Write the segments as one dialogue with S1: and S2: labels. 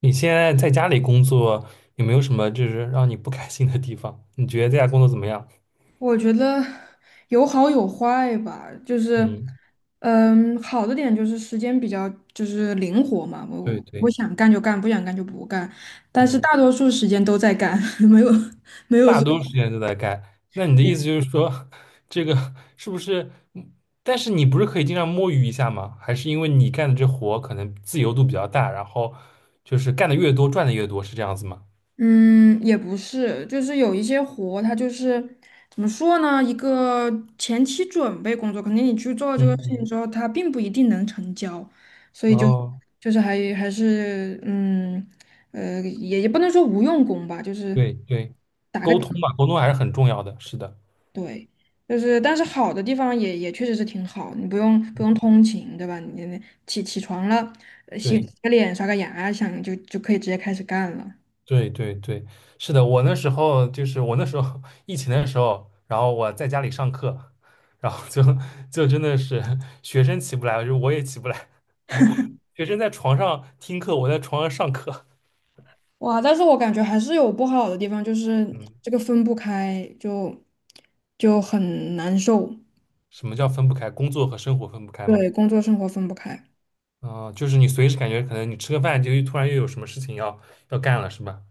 S1: 你现在在家里工作，有没有什么就是让你不开心的地方？你觉得在家工作怎么样？
S2: 我觉得有好有坏吧，就是，
S1: 嗯，
S2: 好的点就是时间比较就是灵活嘛，
S1: 对
S2: 我
S1: 对，
S2: 想干就干，不想干就不干，但是
S1: 嗯，
S2: 大多数时间都在干，没有没有
S1: 大
S2: 说。
S1: 多数时间都在干。那你的意思就是说，这个是不是？嗯但是你不是可以经常摸鱼一下吗？还是因为你干的这活可能自由度比较大，然后就是干的越多，赚的越多，是这样子吗？
S2: 嗯，也不是，就是有一些活，它就是怎么说呢？一个前期准备工作，肯定你去做这个
S1: 嗯
S2: 事情
S1: 嗯，
S2: 之后，它并不一定能成交，所以就
S1: 哦，
S2: 就是还是也不能说无用功吧，就是
S1: 对对，沟通嘛，沟通还是很重要的，是的，
S2: 对，就是但是好的地方也确实是挺好，你不用通勤，对吧？你起床了，洗
S1: 对。
S2: 个脸、刷个牙，想就可以直接开始干了。
S1: 对对对，是的，我那时候 疫情的时候，然后我在家里上课，然后就真的是学生起不来，就我也起不来，我学生在床上听课，我在床上上课。
S2: 哇，但是我感觉还是有不好的地方，就是
S1: 嗯，
S2: 这个分不开，就很难受。
S1: 什么叫分不开？工作和生活分不开吗？
S2: 对，工作生活分不开。
S1: 啊，就是你随时感觉可能你吃个饭就突然又有什么事情要干了，是吧？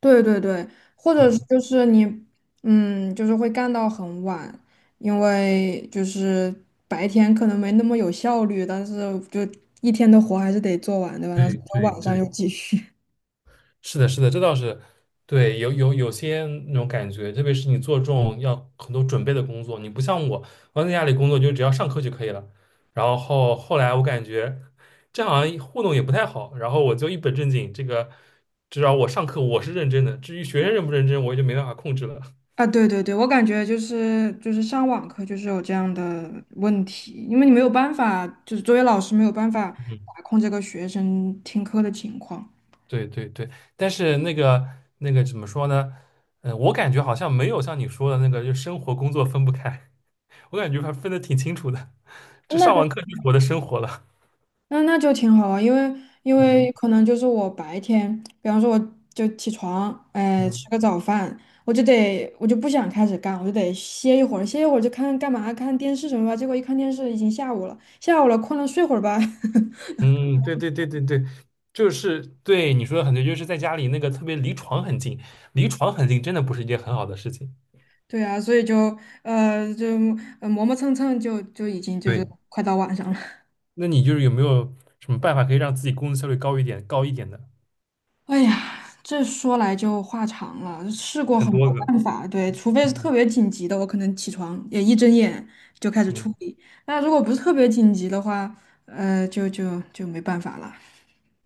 S2: 对对对，或者是
S1: 嗯，
S2: 就是你，就是会干到很晚，因为就是白天可能没那么有效率，但是就一天的活还是得做完，对吧？然后
S1: 对
S2: 到
S1: 对
S2: 晚上又
S1: 对。
S2: 继续。
S1: 是的，是的，这倒是对，有些那种感觉，特别是你做这种要很多准备的工作，你不像我，我在家里工作就只要上课就可以了。然后后来我感觉这好像糊弄也不太好，然后我就一本正经，这个至少我上课我是认真的，至于学生认不认真，我就没办法控制了。
S2: 啊，对对对，我感觉就是上网课就是有这样的问题，因为你没有办法，就是作为老师没有办法
S1: 嗯，
S2: 把控这个学生听课的情况。
S1: 对对对，但是那个怎么说呢？我感觉好像没有像你说的那个，就生活工作分不开，我感觉还分的挺清楚的。这
S2: 那
S1: 上
S2: 就
S1: 完课就是我的生活了。
S2: 那就挺好啊，因为
S1: 嗯
S2: 可能就是我白天，比方说我就起床，哎，吃
S1: 嗯
S2: 个早饭，我就不想开始干，我就得歇一会儿，歇一会儿就看干嘛，看电视什么吧。结果一看电视已经下午了，下午了困了睡会儿吧。
S1: 嗯，对对对对对，就是对你说的很对，就是在家里那个特别离床很近，离床很近真的不是一件很好的事情。
S2: 对啊，所以就磨磨蹭蹭就已经就是
S1: 对，
S2: 快到晚上了。
S1: 那你就是有没有什么办法可以让自己工作效率高一点、高一点的？
S2: 哎呀，这说来就话长了，试过
S1: 很
S2: 很
S1: 多
S2: 多
S1: 个，
S2: 办法，对，除非是特
S1: 嗯
S2: 别紧急的，我可能起床也一睁眼就开始
S1: 嗯
S2: 处理。那如果不是特别紧急的话，就没办法了。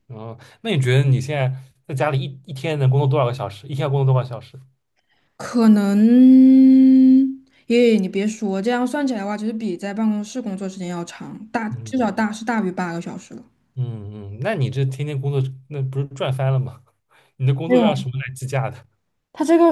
S1: 嗯。哦，那你觉得你现在在家里一天能工作多少个小时？一天要工作多少小时？
S2: 可能，耶，你别说，这样算起来的话，其实比在办公室工作时间要长，大至少
S1: 嗯
S2: 大是大于八个小时了。
S1: 嗯嗯，那你这天天工作，那不是赚翻了吗？你的工
S2: 没
S1: 作让
S2: 有。
S1: 什么来计价的？
S2: 他这个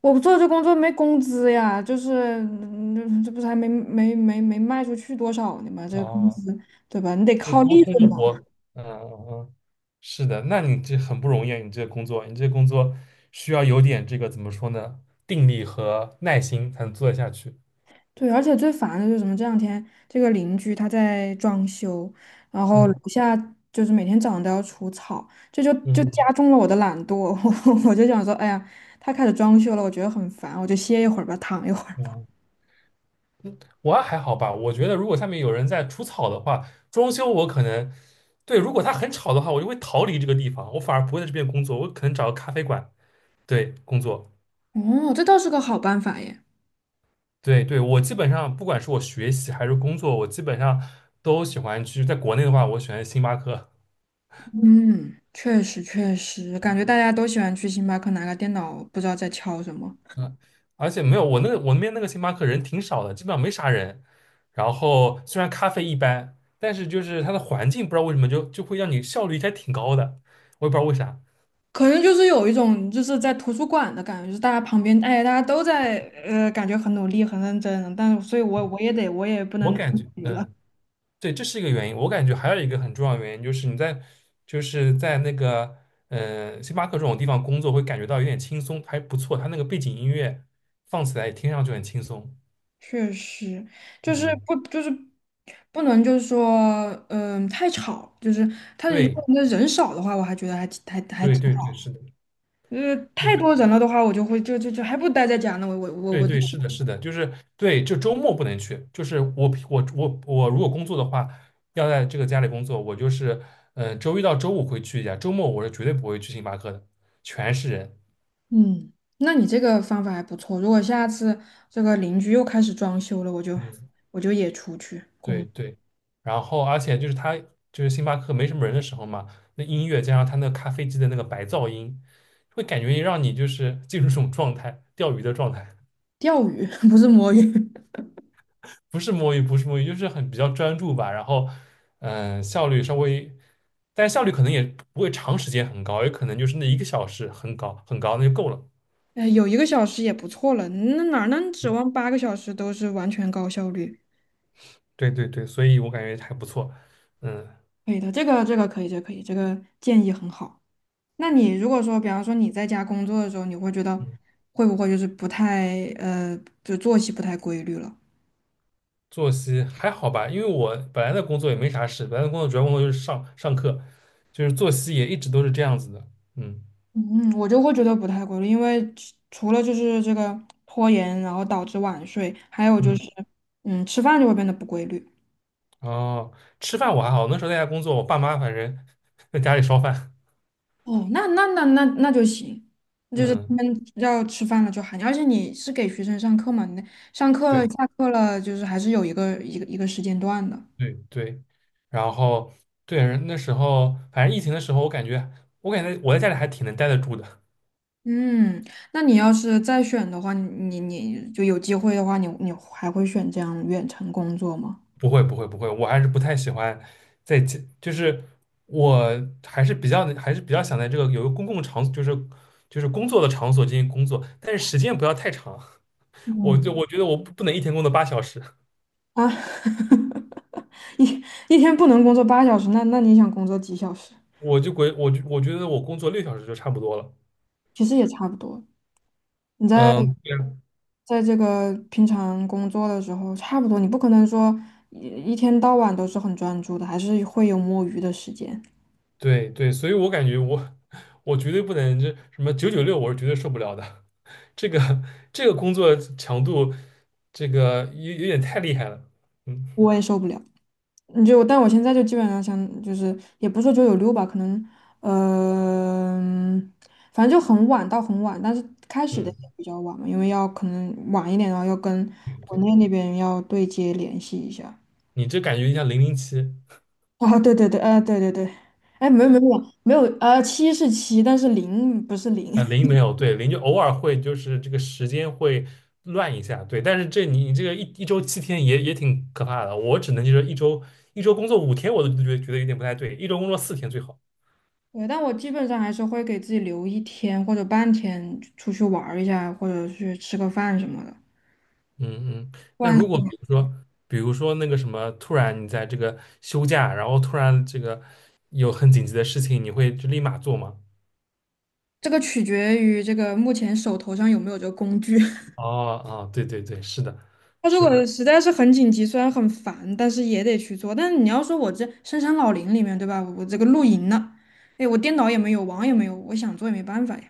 S2: 我做这工作没工资呀，就是这不是还没卖出去多少呢嘛，这个工
S1: 哦
S2: 资对吧？你得
S1: 就
S2: 靠
S1: 沟
S2: 利
S1: 通
S2: 润
S1: 的
S2: 嘛。
S1: 活，嗯嗯嗯，是的，那你这很不容易啊，你这个工作，需要有点这个怎么说呢，定力和耐心才能做得下去。
S2: 对，而且最烦的就是什么？这两天这个邻居他在装修，然后楼
S1: 嗯
S2: 下就是每天早上都要除草，这就
S1: 嗯
S2: 加重了我的懒惰。我就想说，哎呀，他开始装修了，我觉得很烦，我就歇一会儿吧，躺一会儿吧。
S1: 嗯，我啊还好吧，我觉得如果下面有人在除草的话，装修我可能，对，如果他很吵的话，我就会逃离这个地方，我反而不会在这边工作，我可能找个咖啡馆，对，工作。
S2: 哦，这倒是个好办法耶。
S1: 对对，我基本上不管是我学习还是工作，我基本上都喜欢去。在国内的话，我喜欢星巴克；
S2: 嗯，确实确实，感觉大家都喜欢去星巴克拿个电脑，不知道在敲什么。
S1: 嗯，而且没有，我那边那个星巴克人挺少的，基本上没啥人。然后虽然咖啡一般，但是就是它的环境不知道为什么就会让你效率还挺高的，我也不知道为啥。
S2: 可能就是有一种就是在图书馆的感觉，就是大家旁边，哎，大家都在，感觉很努力、很认真，但是，所以
S1: 嗯，
S2: 我也不
S1: 我
S2: 能自
S1: 感觉，
S2: 娱了。
S1: 嗯，对，这是一个原因。我感觉还有一个很重要的原因就是在那个星巴克这种地方工作会感觉到有点轻松，还不错。它那个背景音乐放起来也听上去很轻松。
S2: 确实，就是
S1: 嗯，
S2: 不能就是说，太吵，就是他如
S1: 对
S2: 果那人少的话，我还觉得还挺还还
S1: 对
S2: 挺
S1: 对对，
S2: 好。
S1: 是的。
S2: 太
S1: 对。
S2: 多人了的话，我就会就就就还不如待在家呢。我我我
S1: 对
S2: 我
S1: 对，是的，是的，就是对，就周末不能去。就是我如果工作的话，要在这个家里工作，我就是周一到周五会去一下，周末我是绝对不会去星巴克的，全是人。
S2: 嗯，那你这个方法还不错。如果下次这个邻居又开始装修了，我就
S1: 嗯，
S2: 我就也出去
S1: 对对。然后而且就是星巴克没什么人的时候嘛，那音乐加上他那个咖啡机的那个白噪音，会感觉让你就是进入这种状态，钓鱼的状态。
S2: 钓鱼，不是摸鱼。
S1: 不是摸鱼，不是摸鱼，就是很比较专注吧。然后，效率稍微，但效率可能也不会长时间很高，也可能就是那一个小时很高很高，那就够了。
S2: 哎，有1个小时也不错了，那哪能指望八个小时都是完全高效率？
S1: 对对对对，所以我感觉还不错。嗯，
S2: 可以的，这个可以，这个可以，这个建议很好。那你如果说，比方说你在家工作的时候，你会觉得
S1: 嗯
S2: 会不会就是不太就作息不太规律了？
S1: 作息还好吧，因为我本来的工作也没啥事，本来的工作主要工作就是上课，就是作息也一直都是这样子的。嗯
S2: 嗯，我就会觉得不太规律，因为除了就是这个拖延，然后导致晚睡，还有就
S1: 嗯，
S2: 是，吃饭就会变得不规律。
S1: 哦，吃饭我还好，那时候在家工作，我爸妈反正 在家里烧饭。
S2: 哦，那就行，就是他
S1: 嗯。
S2: 们要吃饭了就喊你，而且你是给学生上课嘛，你上课
S1: 对。
S2: 下课了，就是还是有一个时间段的。
S1: 对对，然后对那时候，反正疫情的时候，我感觉我在家里还挺能待得住的，
S2: 嗯，那你要是再选的话，你就有机会的话，你还会选这样远程工作吗？
S1: 不会不会不会，我还是不太喜欢在家，就是我还是比较想在这个有一个公共场所，就是工作的场所进行工作，但是时间不要太长，我
S2: 嗯。
S1: 就我觉得我不能一天工作8小时，
S2: 啊，一一天不能工作8小时，那你想工作几小时？
S1: 我觉得我工作6小时就差不多了，
S2: 其实也差不多。你在
S1: 嗯，对啊
S2: 在这个平常工作的时候，差不多，你不可能说一天到晚都是很专注的，还是会有摸鱼的时间，
S1: 对对，所以我感觉我绝对不能就什么996，我是绝对受不了的。这个 这个工作强度，这个有点太厉害了。嗯
S2: 我也受不了。你就，但我现在就基本上想，就是也不是说996吧，可能，嗯，反正就很晚到很晚，但是开始的
S1: 嗯，
S2: 也比较晚嘛，因为要可能晚一点，然后要跟
S1: 对
S2: 国
S1: 对，
S2: 内那边要对接联系一下。
S1: 你这感觉像007
S2: 啊，对对对，啊，对对对，哎，没有没有没有，七是七，但是零不是零。
S1: 啊，零没有，对，零就偶尔会就是这个时间会乱一下，对，但是这你这个一周7天也挺可怕的，我只能就是一周工作5天，我都觉得有点不太对，一周工作4天最好。
S2: 对，但我基本上还是会给自己留一天或者半天出去玩儿一下，或者去吃个饭什么的。
S1: 嗯嗯，
S2: 不
S1: 那
S2: 然
S1: 如果比如说那个什么，突然你在这个休假，然后突然这个有很紧急的事情，你会就立马做吗？
S2: 这个取决于这个目前手头上有没有这个工具。
S1: 哦哦，对对对，是的，
S2: 他如
S1: 是的，
S2: 果实在是很紧急，虽然很烦，但是也得去做。但是你要说我这深山老林里面，对吧？我这个露营呢，哎，我电脑也没有，网也没有，我想做也没办法呀。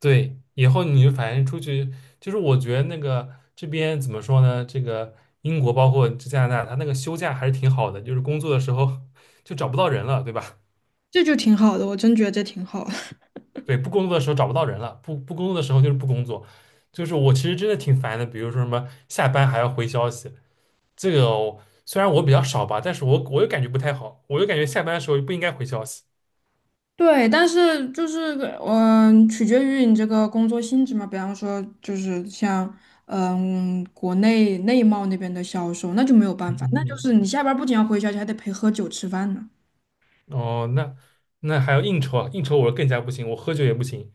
S1: 对。以后你就反正出去，就是我觉得那个这边怎么说呢？这个英国包括这加拿大，它那个休假还是挺好的，就是工作的时候就找不到人了，对吧？
S2: 这就挺好的，我真觉得这挺好。
S1: 对，不工作的时候找不到人了，不工作的时候就是不工作。就是我其实真的挺烦的，比如说什么下班还要回消息，这个我虽然我比较少吧，但是我又感觉不太好，我又感觉下班的时候不应该回消息。
S2: 对，但是就是取决于你这个工作性质嘛。比方说，就是像国内内贸那边的销售，那就没有办
S1: 嗯
S2: 法，那
S1: 嗯
S2: 就是
S1: 嗯。
S2: 你下班儿不仅要回消息，还得陪喝酒吃饭呢，
S1: 哦，那还要应酬啊？应酬我更加不行，我喝酒也不行。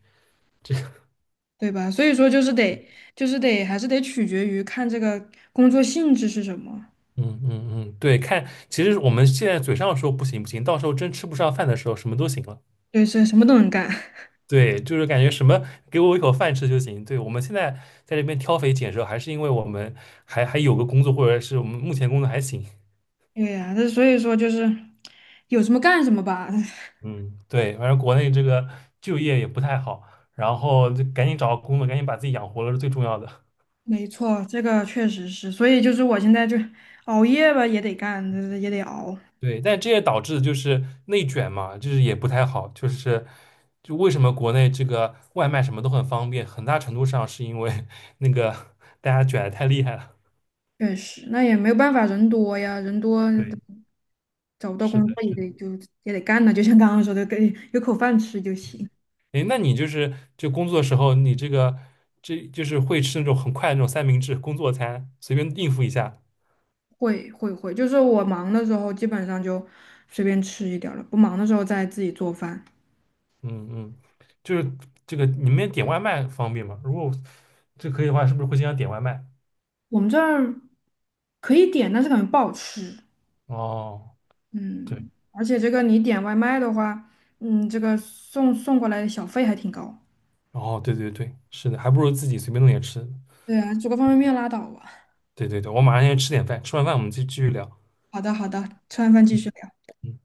S2: 对吧？所以说，就是得，就是得，还是得取决于看这个工作性质是什么。
S1: 嗯嗯嗯，对，看，其实我们现在嘴上说不行不行，到时候真吃不上饭的时候，什么都行了。
S2: 对，是什么都能干。
S1: 对，就是感觉什么给我一口饭吃就行。对，我们现在在这边挑肥拣瘦，还是因为我们还有个工作，或者是我们目前工作还行。
S2: 对呀，那所以说就是有什么干什么吧。
S1: 嗯，对，反正国内这个就业也不太好，然后就赶紧找个工作，赶紧把自己养活了是最重要的。
S2: 没错，这个确实是，所以就是我现在就熬夜吧，也得干，也得熬。
S1: 对，但这也导致就是内卷嘛，就是也不太好。就是为什么国内这个外卖什么都很方便，很大程度上是因为 那个大家卷的太厉害了。
S2: 确实，那也没有办法，人多呀，人多
S1: 对，
S2: 找不到
S1: 是的，
S2: 工作
S1: 是的。
S2: 也得干呢，就像刚刚说的，给有口饭吃就行。
S1: 诶，那你就是工作的时候，你这个这就是会吃那种很快的那种三明治工作餐，随便应付一下。
S2: 会会会，就是我忙的时候基本上就随便吃一点儿了，不忙的时候再自己做饭。
S1: 嗯嗯，就是这个你们点外卖方便吗？如果这可以的话，是不是会经常点外卖？
S2: 我们这儿可以点，但是感觉不好吃。
S1: 哦，对，
S2: 嗯，而且这个你点外卖的话，这个送过来的小费还挺高。
S1: 哦，对对对，是的，还不如自己随便弄点吃。
S2: 对啊，煮个方便面拉倒吧。
S1: 对对对，我马上先去吃点饭，吃完饭我们就继续聊。
S2: 好的好的，吃完饭继
S1: 嗯
S2: 续聊。
S1: 嗯。